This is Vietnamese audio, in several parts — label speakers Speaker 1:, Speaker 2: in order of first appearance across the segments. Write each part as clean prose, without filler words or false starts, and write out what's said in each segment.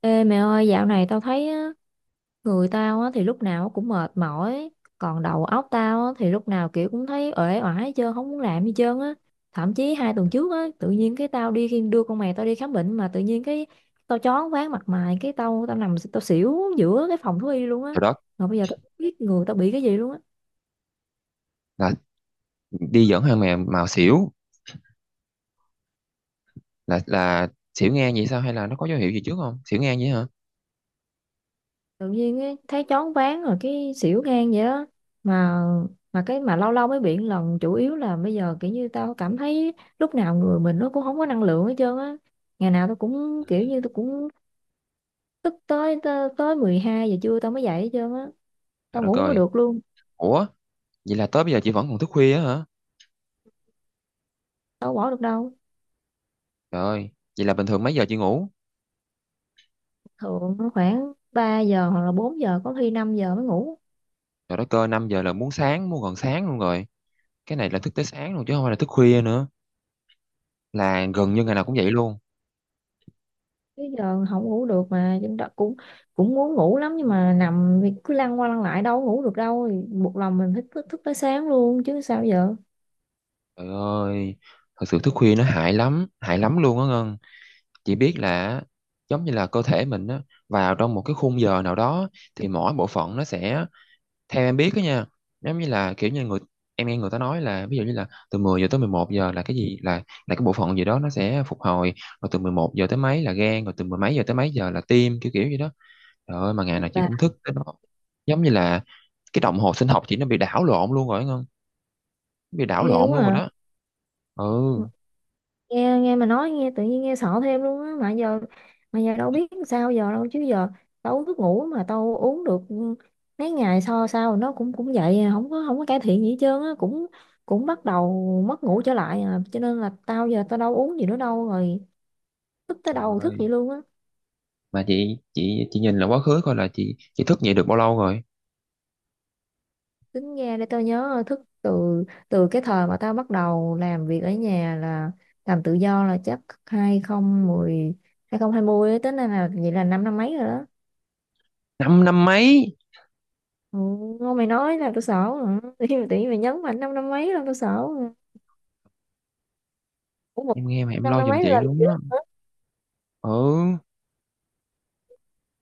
Speaker 1: Ê mẹ ơi, dạo này tao thấy á, người tao á, thì lúc nào cũng mệt mỏi, còn đầu óc tao á, thì lúc nào kiểu cũng thấy uể oải hết trơn, không muốn làm gì trơn á. Thậm chí hai tuần trước á, tự nhiên cái tao đi khi đưa con mày tao đi khám bệnh mà tự nhiên cái tao choáng váng mặt mày, cái tao tao nằm tao xỉu giữa cái phòng thú y luôn á.
Speaker 2: Rồi đó.
Speaker 1: Mà bây giờ tao không biết người tao bị cái gì luôn á.
Speaker 2: Là đi dẫn thằng mèo màu xỉu, là xỉu ngang vậy sao? Hay là nó có dấu hiệu gì trước không, xỉu ngang vậy hả?
Speaker 1: Tự nhiên ấy, thấy choáng váng rồi cái xỉu ngang vậy đó. mà mà cái mà lâu lâu mới bị một lần, chủ yếu là bây giờ kiểu như tao cảm thấy lúc nào người mình nó cũng không có năng lượng hết trơn á. Ngày nào tao cũng
Speaker 2: Ừ.
Speaker 1: kiểu như tao cũng tức tới tới, tới 12 giờ trưa tao mới dậy hết trơn á.
Speaker 2: Trời
Speaker 1: Tao
Speaker 2: đất
Speaker 1: ngủ không có
Speaker 2: ơi,
Speaker 1: được luôn.
Speaker 2: ủa, vậy là tới bây giờ chị vẫn còn thức khuya á hả?
Speaker 1: Tao không bỏ được đâu.
Speaker 2: Trời ơi, vậy là bình thường mấy giờ chị ngủ?
Speaker 1: Thường nó khoảng 3 giờ hoặc là 4 giờ, có khi 5 giờ mới ngủ.
Speaker 2: Trời đất ơi, 5 giờ là muốn sáng, muốn gần sáng luôn rồi. Cái này là thức tới sáng luôn chứ không phải là thức khuya nữa, là gần như ngày nào cũng vậy luôn.
Speaker 1: Tới giờ không ngủ được mà chúng ta cũng cũng muốn ngủ lắm, nhưng mà nằm thì cứ lăn qua lăn lại đâu có ngủ được đâu, thì buộc lòng mình thức thức, thức tới sáng luôn chứ sao giờ.
Speaker 2: Trời ơi, thật sự thức khuya nó hại lắm, hại lắm luôn á Ngân. Chị biết là giống như là cơ thể mình á, vào trong một cái khung giờ nào đó thì mỗi bộ phận nó sẽ, theo em biết đó nha, giống như là kiểu như người, em nghe người ta nói là ví dụ như là từ 10 giờ tới 11 giờ là cái gì, là cái bộ phận gì đó nó sẽ phục hồi, rồi từ 11 giờ tới mấy là gan, rồi từ mười mấy giờ tới mấy giờ là tim, kiểu kiểu gì đó. Trời ơi, mà ngày
Speaker 1: Rất
Speaker 2: nào chị
Speaker 1: là
Speaker 2: cũng thức tới đó. Giống như là cái đồng hồ sinh học chị nó bị đảo lộn luôn rồi không, bị đảo
Speaker 1: ghê
Speaker 2: lộn
Speaker 1: quá
Speaker 2: luôn rồi
Speaker 1: à.
Speaker 2: đó. Ừ.
Speaker 1: Nghe nghe mà nói nghe tự nhiên nghe sợ thêm luôn á. Mà giờ mà giờ đâu biết sao giờ đâu chứ giờ tao uống thuốc ngủ mà tao uống được mấy ngày sau sau nó cũng cũng vậy à, không có không có cải thiện gì hết trơn á, cũng cũng bắt đầu mất ngủ trở lại à, cho nên là tao giờ tao đâu uống gì nữa đâu rồi, thức tới
Speaker 2: Trời
Speaker 1: đầu thức
Speaker 2: ơi,
Speaker 1: vậy luôn á.
Speaker 2: mà chị nhìn là quá khứ coi là chị thức dậy được bao lâu rồi?
Speaker 1: Tính ra để tao nhớ, thức từ từ cái thời mà tao bắt đầu làm việc ở nhà là làm tự do, là chắc 2010 2020 á, tính ra là vậy là năm năm mấy rồi đó.
Speaker 2: Năm năm mấy,
Speaker 1: Ừ, ngon mày nói là tao sợ rồi tự nhiên mày nhấn mạnh năm năm mấy là tao sợ rồi. Ủa một
Speaker 2: em nghe mà em
Speaker 1: năm
Speaker 2: lo
Speaker 1: năm
Speaker 2: giùm
Speaker 1: mấy
Speaker 2: chị
Speaker 1: là
Speaker 2: luôn
Speaker 1: gì
Speaker 2: đó.
Speaker 1: đó.
Speaker 2: Ừ.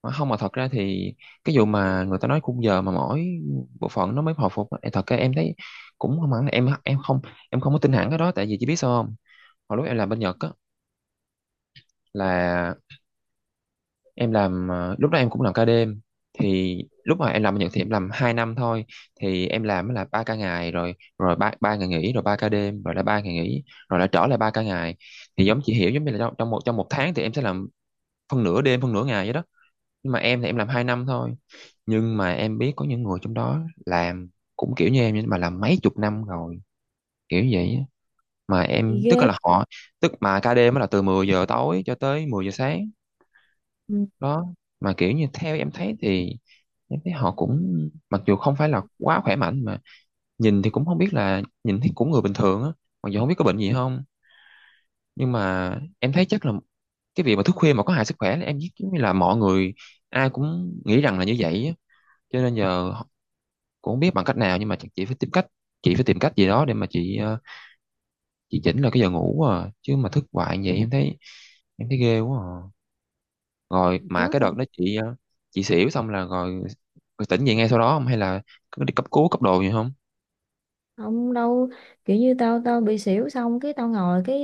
Speaker 2: Mà không, mà thật ra thì cái vụ mà người ta nói khung giờ mà mỗi bộ phận nó mới hồi phục á, em thật ra em thấy cũng không hẳn là em không, em không có tin hẳn cái đó. Tại vì chị biết sao không, hồi lúc em làm bên Nhật á, là em làm, lúc đó em cũng làm ca đêm. Thì lúc mà em làm bên Nhật thì em làm 2 năm thôi. Thì em làm là ba ca ngày rồi rồi ba ba ngày nghỉ, rồi ba ca đêm, rồi lại ba ngày nghỉ, rồi lại trở lại ba ca ngày. Thì giống chị hiểu, giống như là trong một tháng thì em sẽ làm phân nửa đêm, phân nửa ngày vậy đó. Nhưng mà em thì em làm 2 năm thôi, nhưng mà em biết có những người trong đó làm cũng kiểu như em nhưng mà làm mấy chục năm rồi, kiểu vậy á. Mà
Speaker 1: Gì
Speaker 2: em
Speaker 1: ghê.
Speaker 2: tức là họ, tức mà ca đêm á là từ 10 giờ tối cho tới 10 giờ sáng
Speaker 1: Ừ,
Speaker 2: đó. Mà kiểu như theo em thấy thì em thấy họ cũng, mặc dù không phải là quá khỏe mạnh mà nhìn thì cũng không biết, là nhìn thấy cũng người bình thường á, mặc dù không biết có bệnh gì không. Nhưng mà em thấy chắc là cái việc mà thức khuya mà có hại sức khỏe là em biết, giống như là mọi người ai cũng nghĩ rằng là như vậy á. Cho nên giờ cũng không biết bằng cách nào, nhưng mà chắc chị phải tìm cách, chị phải tìm cách gì đó để mà chị chỉnh lại cái giờ ngủ à. Chứ mà thức hoài như vậy em thấy ghê quá à. Rồi mà cái
Speaker 1: đó.
Speaker 2: đợt đó chị xỉu xong là rồi tỉnh dậy ngay sau đó không, hay là cứ đi cấp cứu, cấp đồ gì không?
Speaker 1: Không đâu, kiểu như tao tao bị xỉu xong cái tao ngồi, cái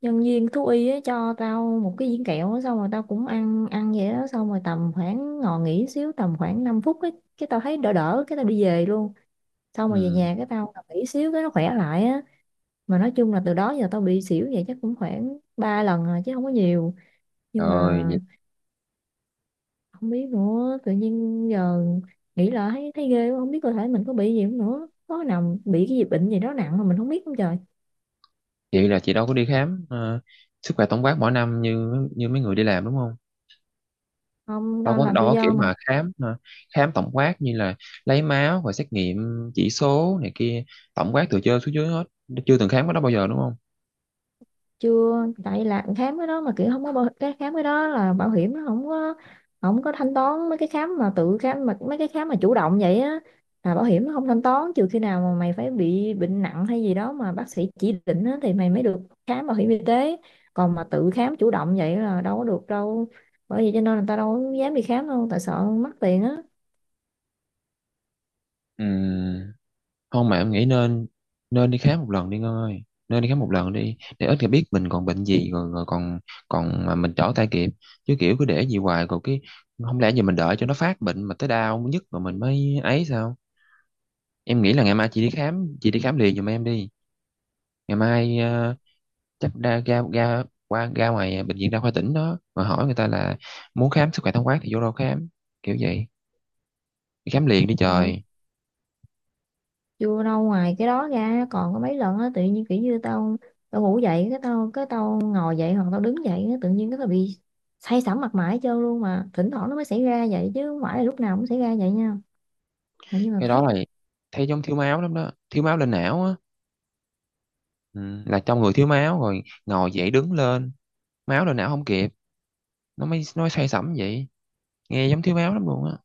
Speaker 1: nhân viên thú y á cho tao một cái viên kẹo á, xong rồi tao cũng ăn ăn vậy đó, xong rồi tầm khoảng ngồi nghỉ xíu tầm khoảng 5 phút ấy, cái tao thấy đỡ đỡ cái tao đi về luôn. Xong rồi về
Speaker 2: Ừ.
Speaker 1: nhà cái tao nằm nghỉ xíu cái nó khỏe lại á. Mà nói chung là từ đó giờ tao bị xỉu vậy chắc cũng khoảng 3 lần rồi chứ không có nhiều. Nhưng
Speaker 2: Rồi
Speaker 1: mà
Speaker 2: vậy
Speaker 1: không biết nữa, tự nhiên giờ nghĩ lại thấy thấy ghê quá, không biết cơ thể mình có bị gì không nữa, có nào bị cái gì bệnh gì đó nặng mà mình không biết không trời.
Speaker 2: vậy là chị đâu có đi khám, sức khỏe tổng quát mỗi năm như như mấy người đi làm, đúng không?
Speaker 1: Không,
Speaker 2: đâu
Speaker 1: đang
Speaker 2: có
Speaker 1: làm
Speaker 2: đâu
Speaker 1: tự
Speaker 2: có kiểu
Speaker 1: do mà.
Speaker 2: mà khám, khám tổng quát như là lấy máu và xét nghiệm, chỉ số này kia, tổng quát từ trên xuống dưới hết, chưa từng khám cái đó bao giờ đúng không?
Speaker 1: Chưa, tại làm khám cái đó mà kiểu không có bảo, cái khám cái đó là bảo hiểm nó không có không có thanh toán mấy cái khám mà tự khám, mà mấy cái khám mà chủ động vậy á là bảo hiểm nó không thanh toán, trừ khi nào mà mày phải bị bệnh nặng hay gì đó mà bác sĩ chỉ định á, thì mày mới được khám bảo hiểm y tế. Còn mà tự khám chủ động vậy là đâu có được đâu, bởi vì cho nên người ta đâu có dám đi khám đâu, tại sợ mất tiền á.
Speaker 2: Ừm, không mà em nghĩ nên, nên đi khám một lần đi Ngân ơi. Nên đi khám một lần đi để ít người biết mình còn bệnh gì rồi, rồi còn, còn mà mình trở tay kịp. Chứ kiểu cứ để gì hoài rồi cái, không lẽ giờ mình đợi cho nó phát bệnh mà tới đau nhất rồi mình mới ấy sao? Em nghĩ là ngày mai chị đi khám, chị đi khám liền giùm em đi. Ngày mai chắc ra ra ra qua ra ngoài bệnh viện đa khoa tỉnh đó mà hỏi người ta là muốn khám sức khỏe tổng quát thì vô đâu khám, kiểu vậy. Đi khám liền đi
Speaker 1: Rồi
Speaker 2: trời.
Speaker 1: vô đâu, ngoài cái đó ra còn có mấy lần á tự nhiên kiểu như tao tao ngủ dậy cái cái tao ngồi dậy hoặc tao đứng dậy á, tự nhiên cái tao bị say sẩm mặt mày hết trơn luôn, mà thỉnh thoảng nó mới xảy ra vậy chứ không phải là lúc nào cũng xảy ra vậy nha. Mà nhưng mà
Speaker 2: Cái đó
Speaker 1: thấy.
Speaker 2: là thấy giống thiếu máu lắm đó, thiếu máu lên não á. Ừ, là trong người thiếu máu rồi ngồi dậy đứng lên, máu lên não không kịp, nó mới say sẩm vậy. Nghe giống thiếu máu lắm luôn á.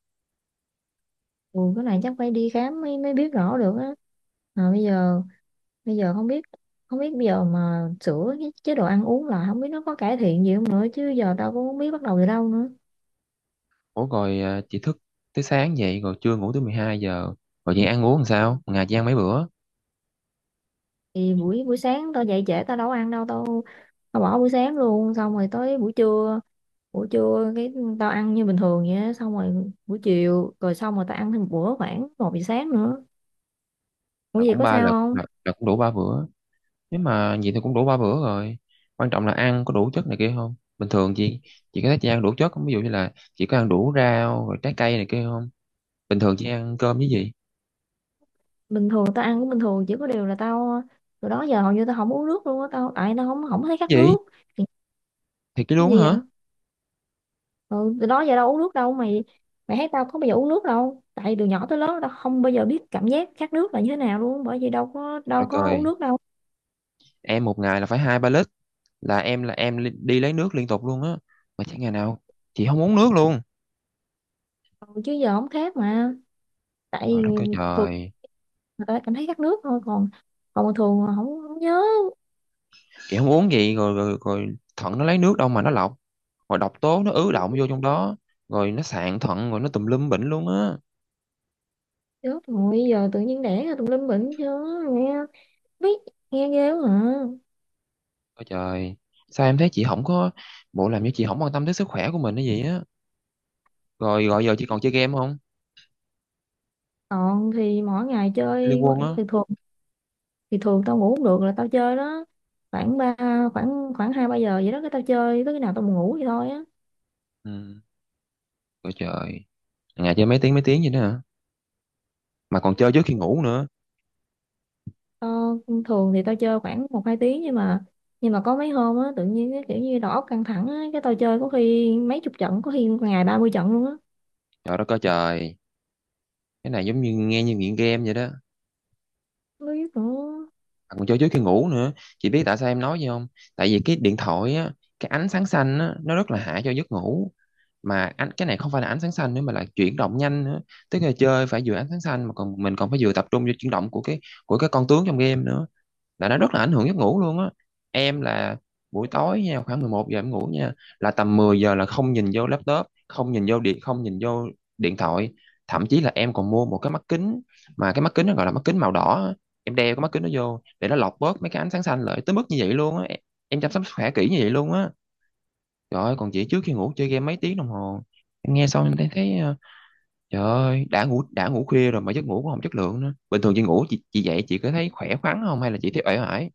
Speaker 1: Ừ, cái này chắc phải đi khám mới mới biết rõ được á. Mà bây giờ không biết không biết bây giờ mà sửa cái chế độ ăn uống là không biết nó có cải thiện gì không nữa, chứ giờ tao cũng không biết bắt đầu từ đâu nữa.
Speaker 2: Ủa rồi à, chị thức tới sáng vậy rồi trưa ngủ tới 12 giờ, rồi chị ăn uống làm sao? Một ngày chị ăn mấy bữa?
Speaker 1: Thì buổi buổi sáng tao dậy trễ tao đâu có ăn đâu, tao tao bỏ buổi sáng luôn, xong rồi tới buổi trưa, buổi trưa cái tao ăn như bình thường vậy á, xong rồi buổi chiều, rồi xong rồi tao ăn thêm một bữa khoảng một giờ sáng nữa. Ủa
Speaker 2: Là
Speaker 1: vậy
Speaker 2: cũng
Speaker 1: có
Speaker 2: ba
Speaker 1: sao
Speaker 2: lượt,
Speaker 1: không.
Speaker 2: là cũng đủ ba bữa. Nếu mà vậy thì cũng đủ ba bữa rồi. Quan trọng là ăn có đủ chất này kia không. Bình thường chị có thấy chị ăn đủ chất không, ví dụ như là chị có ăn đủ rau rồi trái cây này kia không? Bình thường chị ăn cơm với gì?
Speaker 1: Bình thường tao ăn cũng bình thường, chỉ có điều là tao từ đó giờ hầu như tao không uống nước luôn á, tao tại tao không không thấy khát
Speaker 2: Gì
Speaker 1: nước. Thì
Speaker 2: thì cái
Speaker 1: cái
Speaker 2: luống
Speaker 1: gì
Speaker 2: hả?
Speaker 1: vậy. Ừ, từ đó giờ đâu uống nước đâu mày, mày thấy tao có bao giờ uống nước đâu, tại từ nhỏ tới lớn tao không bao giờ biết cảm giác khát nước là như thế nào luôn, bởi vì đâu
Speaker 2: Trời đất
Speaker 1: có uống
Speaker 2: ơi,
Speaker 1: nước đâu.
Speaker 2: em một ngày là phải hai ba lít, là em đi lấy nước liên tục luôn á. Mà chẳng ngày nào chị không uống nước luôn.
Speaker 1: Ừ, chứ giờ không khát mà.
Speaker 2: Rồi
Speaker 1: Tại
Speaker 2: nó kêu
Speaker 1: thường
Speaker 2: trời,
Speaker 1: người ta cảm thấy khát nước thôi, còn còn thường là không không nhớ.
Speaker 2: chị không uống gì rồi, rồi rồi thận nó lấy nước đâu mà nó lọc, rồi độc tố nó ứ đọng vô trong đó, rồi nó sạn thận rồi nó tùm lum bệnh luôn á.
Speaker 1: Chết rồi, giờ tự nhiên đẻ ra tùm lum bệnh chứ, nghe, biết, nghe ghê quá à.
Speaker 2: Ôi trời, sao em thấy chị không có, bộ làm như chị không quan tâm tới sức khỏe của mình hay gì á? Rồi gọi giờ chị còn chơi game không,
Speaker 1: Còn thì mỗi ngày
Speaker 2: Liên
Speaker 1: chơi,
Speaker 2: Quân á?
Speaker 1: thì thường, thì thường tao ngủ không được là tao chơi đó. Khoảng ba, khoảng khoảng hai ba giờ vậy đó, cái tao chơi tới khi nào tao buồn ngủ vậy thôi á.
Speaker 2: Ừ. Ôi trời, ngày chơi mấy tiếng, mấy tiếng vậy đó hả? Mà còn chơi trước khi ngủ nữa.
Speaker 1: Tao, thường thì tao chơi khoảng một hai tiếng, nhưng mà nhưng mà có mấy hôm á, tự nhiên cái kiểu như đầu óc căng thẳng á, cái tao chơi có khi mấy chục trận, có khi ngày 30 trận luôn á.
Speaker 2: Trời đất ơi trời, cái này giống như nghe như nghiện game vậy đó,
Speaker 1: Không biết nữa,
Speaker 2: còn cho trước khi ngủ nữa. Chị biết tại sao em nói gì không? Tại vì cái điện thoại á, cái ánh sáng xanh á nó rất là hại cho giấc ngủ. Mà cái này không phải là ánh sáng xanh nữa mà là chuyển động nhanh nữa. Tức là chơi phải vừa ánh sáng xanh mà còn mình còn phải vừa tập trung vô chuyển động của cái, của cái con tướng trong game nữa, là nó rất là ảnh hưởng giấc ngủ luôn á. Em là buổi tối nha, khoảng 11 giờ em ngủ nha, là tầm 10 giờ là không nhìn vô laptop, không nhìn vô điện thoại. Thậm chí là em còn mua một cái mắt kính, mà cái mắt kính nó gọi là mắt kính màu đỏ á. Em đeo cái mắt kính đó vô để nó lọc bớt mấy cái ánh sáng xanh lại, tới mức như vậy luôn á em chăm sóc sức khỏe kỹ như vậy luôn á. Trời ơi, còn chị trước khi ngủ chơi game mấy tiếng đồng hồ. Em nghe xong em thấy, trời ơi, đã ngủ khuya rồi mà giấc ngủ cũng không chất lượng nữa. Bình thường chị ngủ, chị dậy chị có thấy khỏe khoắn không hay là chị thấy uể oải?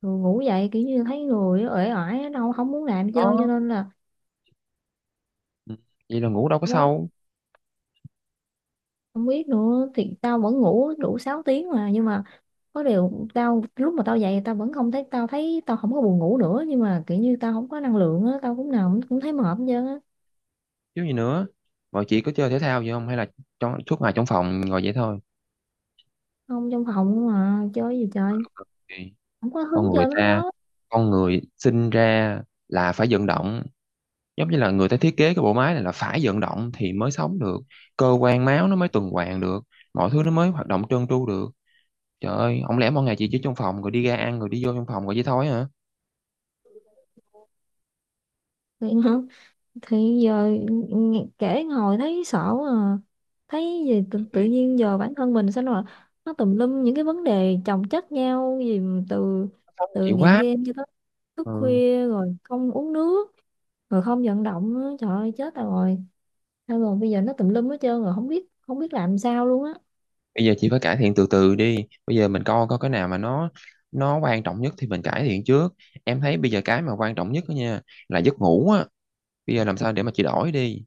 Speaker 1: rồi ngủ dậy kiểu như thấy người uể oải, đâu không muốn làm chơi cho
Speaker 2: Có.
Speaker 1: nên là.
Speaker 2: Ừ. Vậy là ngủ đâu có
Speaker 1: Gói,
Speaker 2: sâu.
Speaker 1: không biết nữa, thì tao vẫn ngủ đủ 6 tiếng mà, nhưng mà có điều tao lúc mà tao dậy tao vẫn không thấy, tao thấy tao không có buồn ngủ nữa, nhưng mà kiểu như tao không có năng lượng á, tao cũng nào cũng thấy mệt hết trơn á.
Speaker 2: Chứ gì nữa. Mọi chị có chơi thể thao gì không hay là trong suốt ngày trong phòng ngồi vậy thôi?
Speaker 1: Không, trong phòng mà chơi gì chơi,
Speaker 2: Thì.
Speaker 1: không có hứng
Speaker 2: Con người
Speaker 1: chơi mấy cái
Speaker 2: ta,
Speaker 1: đó.
Speaker 2: con người sinh ra là phải vận động, giống như là người ta thiết kế cái bộ máy này là phải vận động thì mới sống được, cơ quan máu nó mới tuần hoàn được, mọi thứ nó mới hoạt động trơn tru được. Trời ơi, không lẽ mỗi ngày chị chỉ trong phòng rồi đi ra ăn rồi đi vô trong phòng rồi vậy thôi hả?
Speaker 1: Thì, thì giờ nghe- kể ngồi thấy sợ quá à. Thấy gì tự, tự
Speaker 2: Thì.
Speaker 1: nhiên giờ bản thân mình sao là nó tùm lum những cái vấn đề chồng chất nhau gì, từ
Speaker 2: Sống của
Speaker 1: từ
Speaker 2: chị
Speaker 1: nghiện
Speaker 2: quá.
Speaker 1: game cho tới thức
Speaker 2: Ừ.
Speaker 1: khuya rồi không uống nước rồi không vận động nữa, trời ơi chết rồi. Thôi rồi bây giờ nó tùm lum hết trơn rồi, không biết không biết làm sao luôn á.
Speaker 2: Bây giờ chị phải cải thiện từ từ đi. Bây giờ mình coi coi cái nào mà nó quan trọng nhất thì mình cải thiện trước. Em thấy bây giờ cái mà quan trọng nhất đó nha là giấc ngủ á. Bây giờ làm sao để mà chị đổi đi.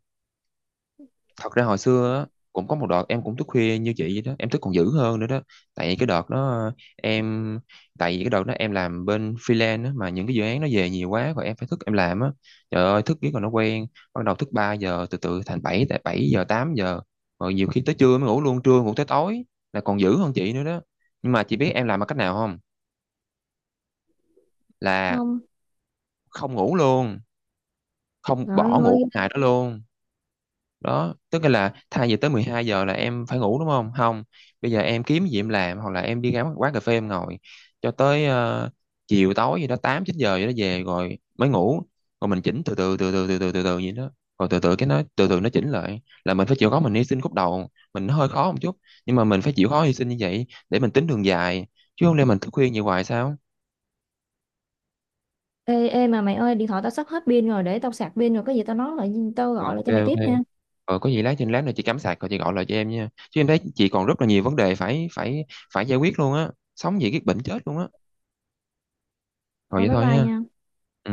Speaker 2: Thật ra hồi xưa á, cũng có một đợt em cũng thức khuya như chị vậy đó, em thức còn dữ hơn nữa đó. tại cái đợt đó em Tại vì cái đợt đó em làm bên freelance á, mà những cái dự án nó về nhiều quá rồi em phải thức em làm á. Trời ơi, thức biết còn nó quen, bắt đầu thức 3 giờ từ từ thành bảy, 7 giờ 8 giờ, rồi nhiều khi tới trưa mới ngủ luôn, trưa ngủ tới tối, là còn dữ hơn chị nữa đó. Nhưng mà chị biết em làm bằng cách nào không? Là
Speaker 1: Không,
Speaker 2: không ngủ luôn, không
Speaker 1: trời
Speaker 2: bỏ ngủ
Speaker 1: ơi.
Speaker 2: cái ngày đó luôn. Đó tức là thay vì tới 12 giờ là em phải ngủ đúng không, bây giờ em kiếm gì em làm hoặc là em đi ra quán cà phê em ngồi cho tới chiều tối gì đó, 8 9 giờ gì đó về rồi mới ngủ. Rồi mình chỉnh từ từ từ từ từ từ từ từ vậy đó. Rồi từ từ cái nó từ từ nó chỉnh lại, là mình phải chịu khó mình hy sinh khúc đầu mình nó hơi khó một chút, nhưng mà mình phải chịu khó hy sinh như vậy để mình tính đường dài, chứ không lẽ mình thức khuya như hoài sao?
Speaker 1: Ê, ê mà mày ơi, điện thoại tao sắp hết pin rồi, để tao sạc pin rồi có gì tao nói lại, tao
Speaker 2: Ok.
Speaker 1: gọi lại cho mày
Speaker 2: Ok.
Speaker 1: tiếp nha.
Speaker 2: Ờ, có gì lát nữa chị cắm sạc rồi chị gọi lại cho em nha. Chứ em thấy chị còn rất là nhiều vấn đề phải phải phải giải quyết luôn á. Sống gì cái bệnh chết luôn á. Rồi
Speaker 1: Thôi
Speaker 2: vậy
Speaker 1: bye
Speaker 2: thôi
Speaker 1: bye
Speaker 2: ha.
Speaker 1: nha.
Speaker 2: Ừ.